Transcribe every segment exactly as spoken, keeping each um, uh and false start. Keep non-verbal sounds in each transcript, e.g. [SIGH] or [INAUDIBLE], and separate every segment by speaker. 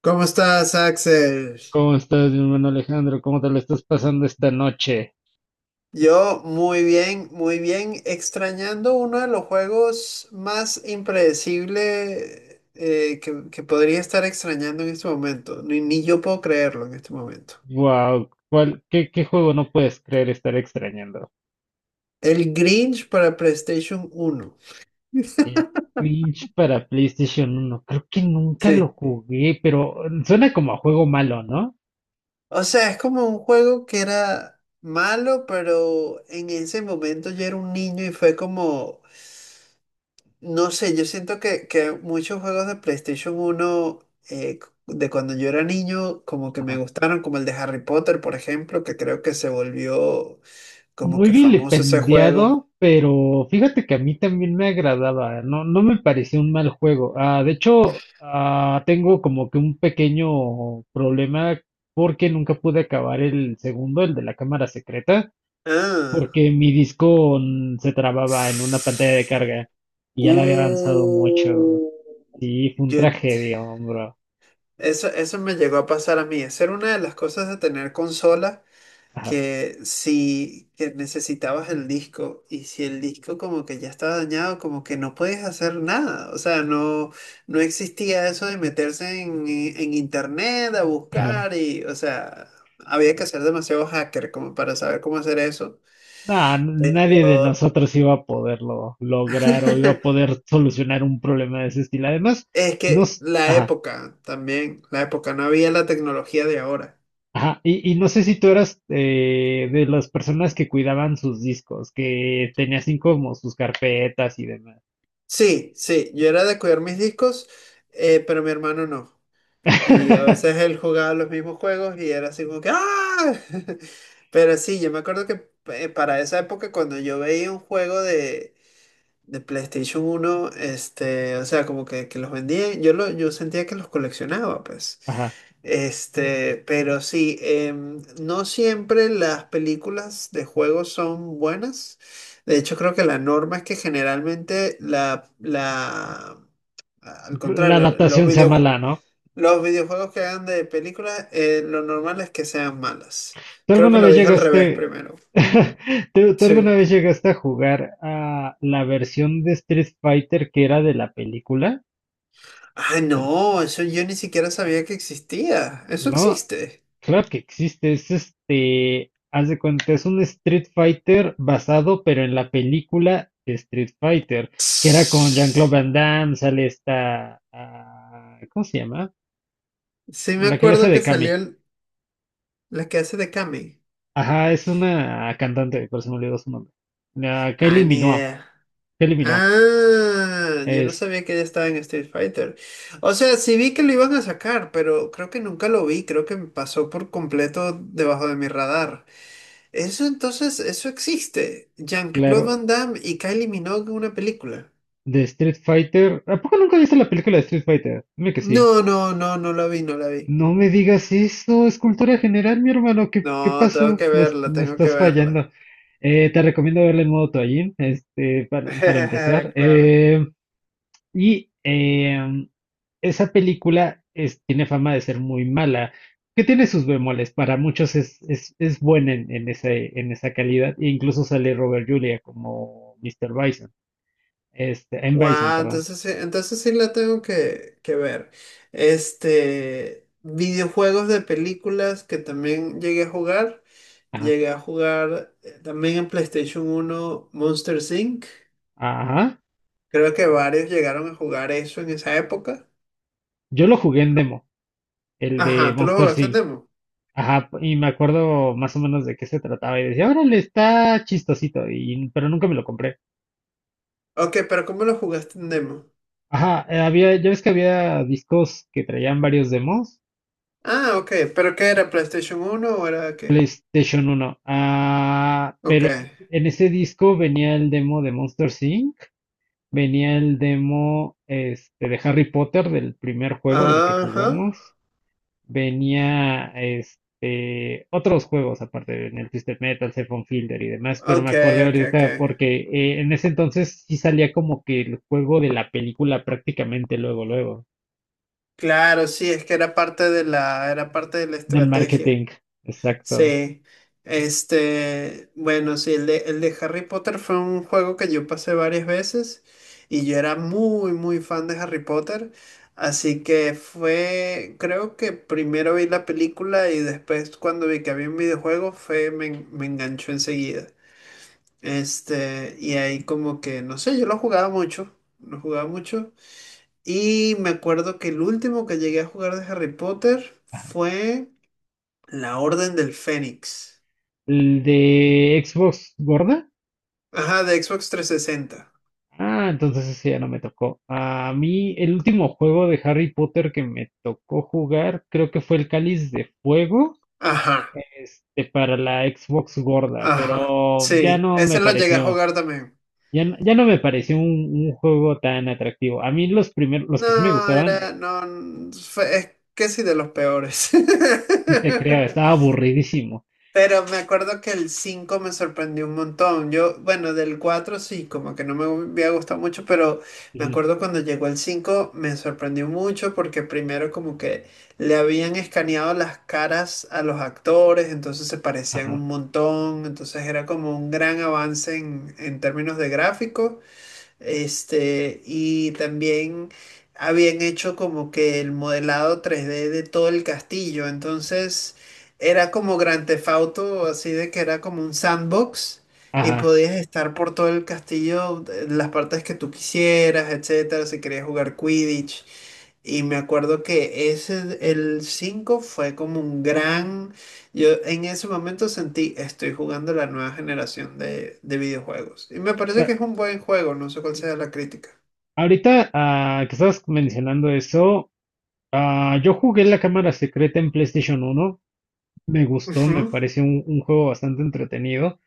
Speaker 1: ¿Cómo estás, Axel?
Speaker 2: ¿Cómo estás, mi hermano Alejandro? ¿Cómo te lo estás pasando esta noche?
Speaker 1: Yo muy bien, muy bien, extrañando uno de los juegos más impredecible eh, que, que podría estar extrañando en este momento. Ni, ni yo puedo creerlo en este momento.
Speaker 2: Wow, ¿cuál, qué, qué juego no puedes creer estar extrañando?
Speaker 1: El Grinch para PlayStation uno.
Speaker 2: El
Speaker 1: [LAUGHS]
Speaker 2: Clinch para PlayStation uno. Creo que nunca lo
Speaker 1: Sí.
Speaker 2: jugué, pero eh, suena como a juego malo, ¿no?
Speaker 1: O sea, es como un juego que era malo, pero en ese momento yo era un niño y fue como, no sé, yo siento que, que muchos juegos de PlayStation uno eh, de cuando yo era niño como que me
Speaker 2: Ajá.
Speaker 1: gustaron, como el de Harry Potter, por ejemplo, que creo que se volvió como
Speaker 2: Muy
Speaker 1: que famoso ese juego.
Speaker 2: vilipendiado, pero fíjate que a mí también me agradaba. No, no me pareció un mal juego. Ah, de hecho, ah, tengo como que un pequeño problema porque nunca pude acabar el segundo, el de la cámara secreta.
Speaker 1: Ah.
Speaker 2: Porque mi disco mm, se trababa en una pantalla de carga y ya la había avanzado mucho.
Speaker 1: Uh,
Speaker 2: Sí, fue un
Speaker 1: yo ent-
Speaker 2: tragedia, hombre.
Speaker 1: eso, eso me llegó a pasar a mí. Esa era una de las cosas de tener consola,
Speaker 2: Ajá,
Speaker 1: que si que necesitabas el disco y si el disco como que ya estaba dañado, como que no puedes hacer nada, o sea, no, no existía eso de meterse en, eh, en internet a
Speaker 2: ajá.
Speaker 1: buscar y, o sea, había que ser demasiado hacker como para saber cómo hacer eso.
Speaker 2: Nah, nadie de
Speaker 1: Yo-
Speaker 2: nosotros iba a poderlo lograr o iba a
Speaker 1: [LAUGHS]
Speaker 2: poder solucionar un problema de ese estilo. Además,
Speaker 1: Es
Speaker 2: no,
Speaker 1: que
Speaker 2: s-
Speaker 1: la
Speaker 2: ajá,
Speaker 1: época también, la época, no había la tecnología de ahora.
Speaker 2: ajá. Y, y no sé si tú eras eh, de las personas que cuidaban sus discos, que tenías así como sus carpetas y demás.
Speaker 1: Sí, sí, yo era de cuidar mis discos, eh, pero mi hermano no. Y a veces
Speaker 2: [LAUGHS]
Speaker 1: él jugaba los mismos juegos y era así como que ¡ah! [LAUGHS] Pero sí, yo me acuerdo que eh, para esa época cuando yo veía un juego de, de PlayStation uno este, o sea, como que, que los vendían, yo, lo, yo sentía que los coleccionaba, pues.
Speaker 2: Ajá.
Speaker 1: Este, pero sí, em, no siempre las películas de juegos son buenas. De hecho, creo que la norma es que generalmente la, la, al
Speaker 2: La
Speaker 1: contrario, los
Speaker 2: adaptación sea
Speaker 1: videojuegos
Speaker 2: mala, ¿no?
Speaker 1: los videojuegos que hagan de películas, eh, lo normal es que sean malas.
Speaker 2: ¿Tú
Speaker 1: Creo que
Speaker 2: alguna
Speaker 1: lo
Speaker 2: vez
Speaker 1: dije al revés
Speaker 2: llegaste,
Speaker 1: primero.
Speaker 2: [LAUGHS] ¿tú, tú
Speaker 1: Sí.
Speaker 2: alguna vez llegaste a jugar a la versión de Street Fighter que era de la película?
Speaker 1: Ah, no, eso yo ni siquiera sabía que existía. Eso
Speaker 2: No,
Speaker 1: existe.
Speaker 2: claro que existe, es este, haz de cuenta, es un Street Fighter basado, pero en la película de Street Fighter, que era con Jean-Claude
Speaker 1: Sí,
Speaker 2: Van Damme, sale esta, ah, ¿cómo se llama?
Speaker 1: me
Speaker 2: La que le hace
Speaker 1: acuerdo
Speaker 2: de
Speaker 1: que salió
Speaker 2: Kami.
Speaker 1: el- la que hace de Kami.
Speaker 2: Ajá, es una cantante, pero se me olvidó su nombre. La
Speaker 1: Ah,
Speaker 2: Kylie
Speaker 1: ni
Speaker 2: Minogue,
Speaker 1: idea.
Speaker 2: Kylie Minogue,
Speaker 1: Ah, yo no
Speaker 2: es
Speaker 1: sabía que ella estaba en Street Fighter. O sea, sí vi que lo iban a sacar, pero creo que nunca lo vi. Creo que me pasó por completo debajo de mi radar. Eso entonces, eso existe. Jean-Claude
Speaker 2: claro.
Speaker 1: Van Damme y Kylie Minogue en una película.
Speaker 2: De Street Fighter. ¿A poco nunca viste la película de Street Fighter? Dime que sí.
Speaker 1: No, no, no, no la vi, no la vi.
Speaker 2: No me digas eso, es cultura general, mi hermano. ¿Qué, qué
Speaker 1: No, tengo
Speaker 2: pasó?
Speaker 1: que
Speaker 2: Me, es-
Speaker 1: verla,
Speaker 2: me
Speaker 1: tengo que
Speaker 2: estás
Speaker 1: verla.
Speaker 2: fallando. Eh, te recomiendo verla en modo toallín, este, para, para empezar.
Speaker 1: [LAUGHS] Claro.
Speaker 2: Eh, y em, esa película es- tiene fama de ser muy mala, que tiene sus bemoles. Para muchos es, es, es buena en, en ese- en esa calidad. E incluso sale Robert Julia como mister Bison. Este, en Bison,
Speaker 1: Wow,
Speaker 2: perdón.
Speaker 1: entonces, sí- entonces sí la tengo que, que ver. Este, videojuegos de películas que también llegué a jugar.
Speaker 2: Ajá.
Speaker 1: Llegué a jugar eh, también en PlayStation uno Monster Inc.
Speaker 2: Ajá.
Speaker 1: Creo que varios llegaron a jugar eso en esa época.
Speaker 2: Yo lo jugué en demo, el de
Speaker 1: Ajá, ¿tú lo
Speaker 2: Monster
Speaker 1: jugaste en
Speaker 2: inc.
Speaker 1: demo?
Speaker 2: Ajá, y me acuerdo más o menos de qué se trataba y decía, órale, está chistosito, y, pero nunca me lo compré.
Speaker 1: Ok, pero ¿cómo lo jugaste en demo?
Speaker 2: Ajá, eh, había, ya ves que había discos que traían varios demos,
Speaker 1: Ah, ok, pero ¿qué era? ¿PlayStation uno o era qué?
Speaker 2: Station Uno. Ah,
Speaker 1: Ok.
Speaker 2: pe- en ese disco venía el demo de Monster inc, venía el demo este, de Harry Potter del primer juego del que
Speaker 1: Ajá.
Speaker 2: jugamos, venía este, otros juegos aparte en el Twisted Metal, Sephon Fielder y demás, pero me
Speaker 1: Ok,
Speaker 2: acordé
Speaker 1: ok, ok.
Speaker 2: ahorita porque eh, en ese entonces sí salía como que el juego de la película prácticamente luego, luego,
Speaker 1: Claro, sí, es que era parte de la, era parte de la
Speaker 2: del
Speaker 1: estrategia.
Speaker 2: marketing, exacto.
Speaker 1: Sí, este, bueno, sí, el de, el de Harry Potter fue un juego que yo pasé varias veces y yo era muy, muy fan de Harry Potter, así que fue, creo que primero vi la película y después cuando vi que había un videojuego fue, me, en- me enganchó enseguida. Este, y ahí como que, no sé, yo lo jugaba mucho, lo jugaba mucho y me acuerdo que el último que llegué a jugar de Harry Potter fue La Orden del Fénix.
Speaker 2: El de Xbox Gorda.
Speaker 1: Ajá, de Xbox trescientos sesenta.
Speaker 2: Ah, entonces ese ya no me tocó. A mí el último juego de Harry Potter que me tocó jugar creo que fue el Cáliz de Fuego
Speaker 1: Ajá,
Speaker 2: este, para la Xbox gorda,
Speaker 1: ajá.
Speaker 2: pero ya
Speaker 1: Sí,
Speaker 2: no me
Speaker 1: ese lo llegué a
Speaker 2: pareció.
Speaker 1: jugar también.
Speaker 2: Ya, no- ya no me pareció un, un juego tan atractivo. A mí los primeros, los que sí me
Speaker 1: No,
Speaker 2: gustaban,
Speaker 1: era,
Speaker 2: eh,
Speaker 1: no, fue- es que sí, de los peores.
Speaker 2: sí te creo, estaba
Speaker 1: [LAUGHS]
Speaker 2: aburridísimo.
Speaker 1: Pero me acuerdo que el cinco me sorprendió un montón. Yo, bueno, del cuatro sí, como que no me había gustado mucho, pero me
Speaker 2: Ujú,
Speaker 1: acuerdo cuando llegó el cinco me sorprendió mucho porque primero como que le habían escaneado las caras a los actores, entonces se parecían
Speaker 2: ajá,
Speaker 1: un montón, entonces era como un gran avance en, en términos de gráfico. Este, y también habían hecho como que el modelado tres D de todo el castillo. Entonces era como Grand Theft Auto, así de que era como un sandbox y
Speaker 2: ajá.
Speaker 1: podías estar por todo el castillo, en las partes que tú quisieras, etcétera, si querías jugar Quidditch. Y me acuerdo que ese, el cinco fue como un gran... Yo en ese momento sentí, estoy jugando la nueva generación de, de videojuegos. Y
Speaker 2: O
Speaker 1: me parece que
Speaker 2: sea,
Speaker 1: es un buen juego, no sé cuál sea la crítica.
Speaker 2: ahorita ah, que estás mencionando eso, ah, yo jugué la cámara secreta en PlayStation uno. Me gustó, me
Speaker 1: Ujú.
Speaker 2: pareció un, un juego bastante entretenido.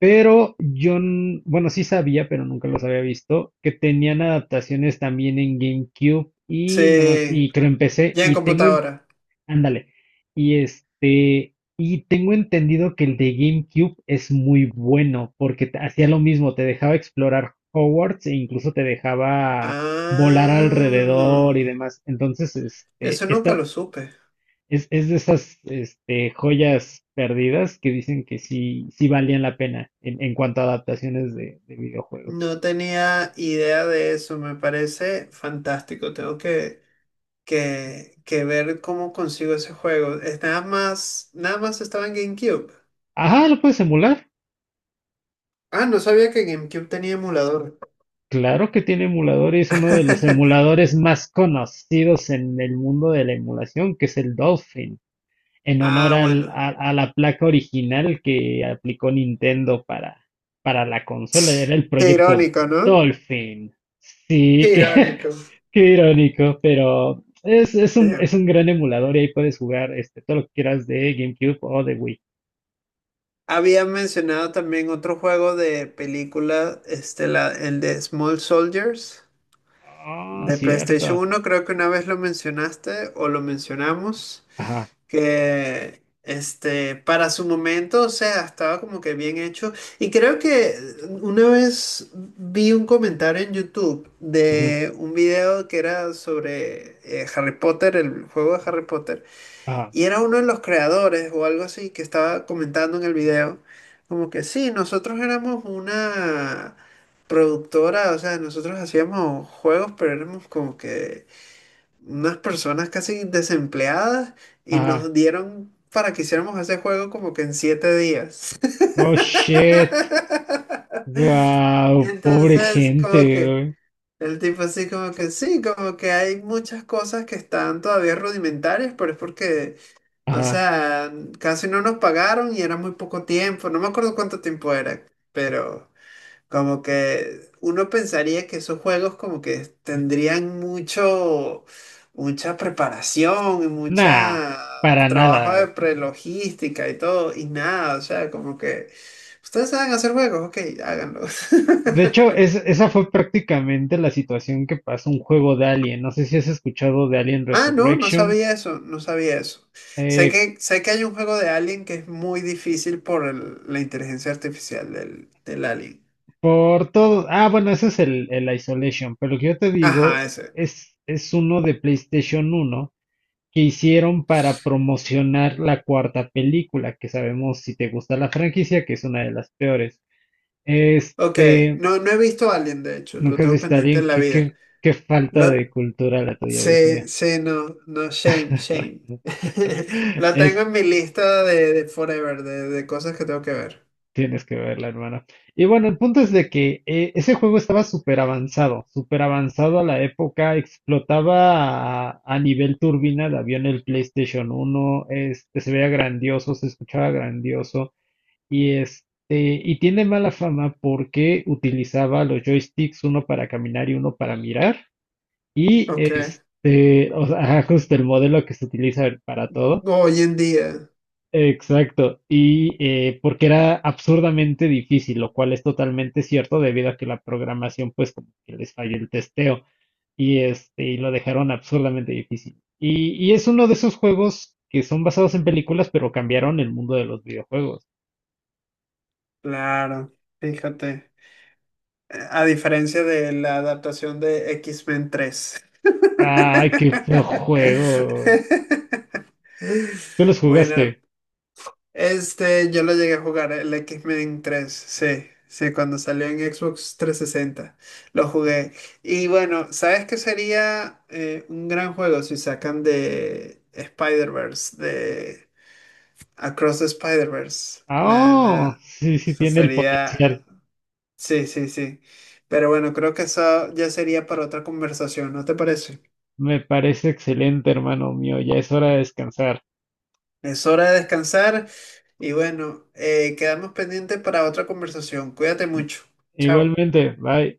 Speaker 2: Pero yo, n- bueno, sí sabía, pero nunca los había visto, que tenían adaptaciones también en GameCube y, no me ac-
Speaker 1: Sí,
Speaker 2: y creo en P C.
Speaker 1: ya en
Speaker 2: Y tengo.
Speaker 1: computadora.
Speaker 2: Ándale. Y este, y tengo entendido que el de GameCube es muy bueno porque te- hacía lo mismo, te dejaba explorar Hogwarts e incluso te dejaba volar alrededor
Speaker 1: Ah,
Speaker 2: y demás. Entonces, este,
Speaker 1: eso nunca
Speaker 2: esta
Speaker 1: lo supe.
Speaker 2: es, es de esas este, joyas perdidas que dicen que sí, sí valían la pena en, en cuanto a adaptaciones de, de videojuegos.
Speaker 1: No tenía idea de eso, me parece fantástico. Tengo que, que, que ver cómo consigo ese juego. Es nada más, nada más estaba en GameCube.
Speaker 2: Ajá, lo puedes emular.
Speaker 1: Ah, no sabía que GameCube tenía emulador.
Speaker 2: Claro que tiene emuladores, uno de los
Speaker 1: [LAUGHS]
Speaker 2: emuladores más conocidos en el mundo de la emulación, que es el Dolphin, en honor
Speaker 1: Ah,
Speaker 2: al-
Speaker 1: bueno.
Speaker 2: a, a la placa original que aplicó Nintendo para, para, la consola, era el
Speaker 1: Qué
Speaker 2: proyecto
Speaker 1: irónico, ¿no?
Speaker 2: Dolphin. Sí,
Speaker 1: Qué
Speaker 2: que, [LAUGHS]
Speaker 1: irónico.
Speaker 2: qué irónico, pero es, es
Speaker 1: Sí.
Speaker 2: un, es un gran emulador y ahí puedes jugar este, todo lo que quieras de GameCube o de Wii.
Speaker 1: Había mencionado también otro juego de película, este, la- el de Small Soldiers,
Speaker 2: Ah,
Speaker 1: de PlayStation
Speaker 2: cierto.
Speaker 1: uno. Creo que una vez lo mencionaste o lo mencionamos.
Speaker 2: Ajá,
Speaker 1: Que este, para su momento, o sea, estaba como que bien hecho. Y creo que una vez vi un comentario en YouTube
Speaker 2: ujú,
Speaker 1: de un video que era sobre eh, Harry Potter, el juego de Harry Potter,
Speaker 2: ajá,
Speaker 1: y era uno de los creadores o algo así que estaba comentando en el video, como que sí, nosotros éramos una productora, o sea, nosotros hacíamos juegos, pero éramos como que unas personas casi desempleadas y
Speaker 2: ajá.
Speaker 1: nos dieron para que hiciéramos ese juego como que en siete días. [LAUGHS]
Speaker 2: Oh, shit.
Speaker 1: Y
Speaker 2: Guau, pobre
Speaker 1: entonces,
Speaker 2: gente,
Speaker 1: como que
Speaker 2: güey.
Speaker 1: el tipo así, como que sí, como que hay muchas cosas que están todavía rudimentarias, pero es porque, o
Speaker 2: Ajá.
Speaker 1: sea, casi no nos pagaron y era muy poco tiempo, no me acuerdo cuánto tiempo era, pero... Como que uno pensaría que esos juegos como que tendrían mucho, mucha preparación y
Speaker 2: Nah,
Speaker 1: mucha
Speaker 2: para nada,
Speaker 1: trabajo de
Speaker 2: güey.
Speaker 1: prelogística y todo, y nada, o sea, como que ustedes saben hacer juegos, ok, háganlo. [LAUGHS]
Speaker 2: De hecho, es, esa fue prácticamente la situación que pasó un juego de Alien. No sé si has escuchado de Alien
Speaker 1: Ah, no, no
Speaker 2: Resurrection.
Speaker 1: sabía eso, no sabía eso. Sé
Speaker 2: eh,
Speaker 1: que, sé que hay un juego de Alien que es muy difícil por el- la inteligencia artificial del, del Alien.
Speaker 2: por todo. Ah, bueno, ese es el, el Isolation. Pero lo que yo te digo
Speaker 1: Ajá, ese.
Speaker 2: es, es uno de PlayStation uno que hicieron para promocionar la cuarta película, que sabemos si te gusta la franquicia, que es una de las peores.
Speaker 1: Ok,
Speaker 2: Este.
Speaker 1: no, no he visto Alien, de hecho, lo
Speaker 2: Nunca has
Speaker 1: tengo
Speaker 2: visto a
Speaker 1: pendiente
Speaker 2: alguien.
Speaker 1: en la
Speaker 2: Qué,
Speaker 1: vida.
Speaker 2: qué, qué falta
Speaker 1: Lo,
Speaker 2: de cultura la tuya, Dios mío.
Speaker 1: Sí, sí, no, no, shame, shame. [LAUGHS] La tengo
Speaker 2: Es,
Speaker 1: en mi lista de, de forever, de, de cosas que tengo que ver.
Speaker 2: tienes que verla, hermano. Y bueno, el punto es de que eh, ese juego estaba súper avanzado, súper avanzado a la época. Explotaba a, a nivel turbina de avión el PlayStation uno. Este, se veía grandioso, se escuchaba grandioso. Y este, y tiene mala fama porque utilizaba los joysticks, uno para caminar y uno para mirar. Y
Speaker 1: Ok.
Speaker 2: este, o sea, ajá, justo el modelo que se utiliza para todo.
Speaker 1: Hoy en día,
Speaker 2: Exacto. Y eh, porque era absurdamente difícil, lo cual es totalmente cierto debido a que la programación, pues, como que les falló el testeo. Y este, y lo dejaron absurdamente difícil. Y, y es uno de esos juegos que son basados en películas, pero cambiaron el mundo de los videojuegos.
Speaker 1: claro, fíjate. A diferencia de la adaptación de X-Men tres.
Speaker 2: Ay, qué feo juego.
Speaker 1: [LAUGHS]
Speaker 2: ¿Tú los
Speaker 1: Bueno,
Speaker 2: jugaste?
Speaker 1: este, yo lo llegué a jugar, eh, el X-Men tres, sí, sí, cuando salió en Xbox trescientos sesenta, lo jugué. Y bueno, ¿sabes qué sería eh, un gran juego si sacan de Spider-Verse, de Across the Spider-Verse?
Speaker 2: Ah,
Speaker 1: La,
Speaker 2: oh,
Speaker 1: la,
Speaker 2: sí, sí
Speaker 1: eso
Speaker 2: tiene el
Speaker 1: sería,
Speaker 2: potencial.
Speaker 1: sí, sí, sí. Pero bueno, creo que eso ya sería para otra conversación, ¿no te parece?
Speaker 2: Me parece excelente, hermano mío. Ya es hora de descansar.
Speaker 1: Es hora de descansar y bueno, eh, quedamos pendientes para otra conversación. Cuídate mucho. Chao.
Speaker 2: Igualmente, bye.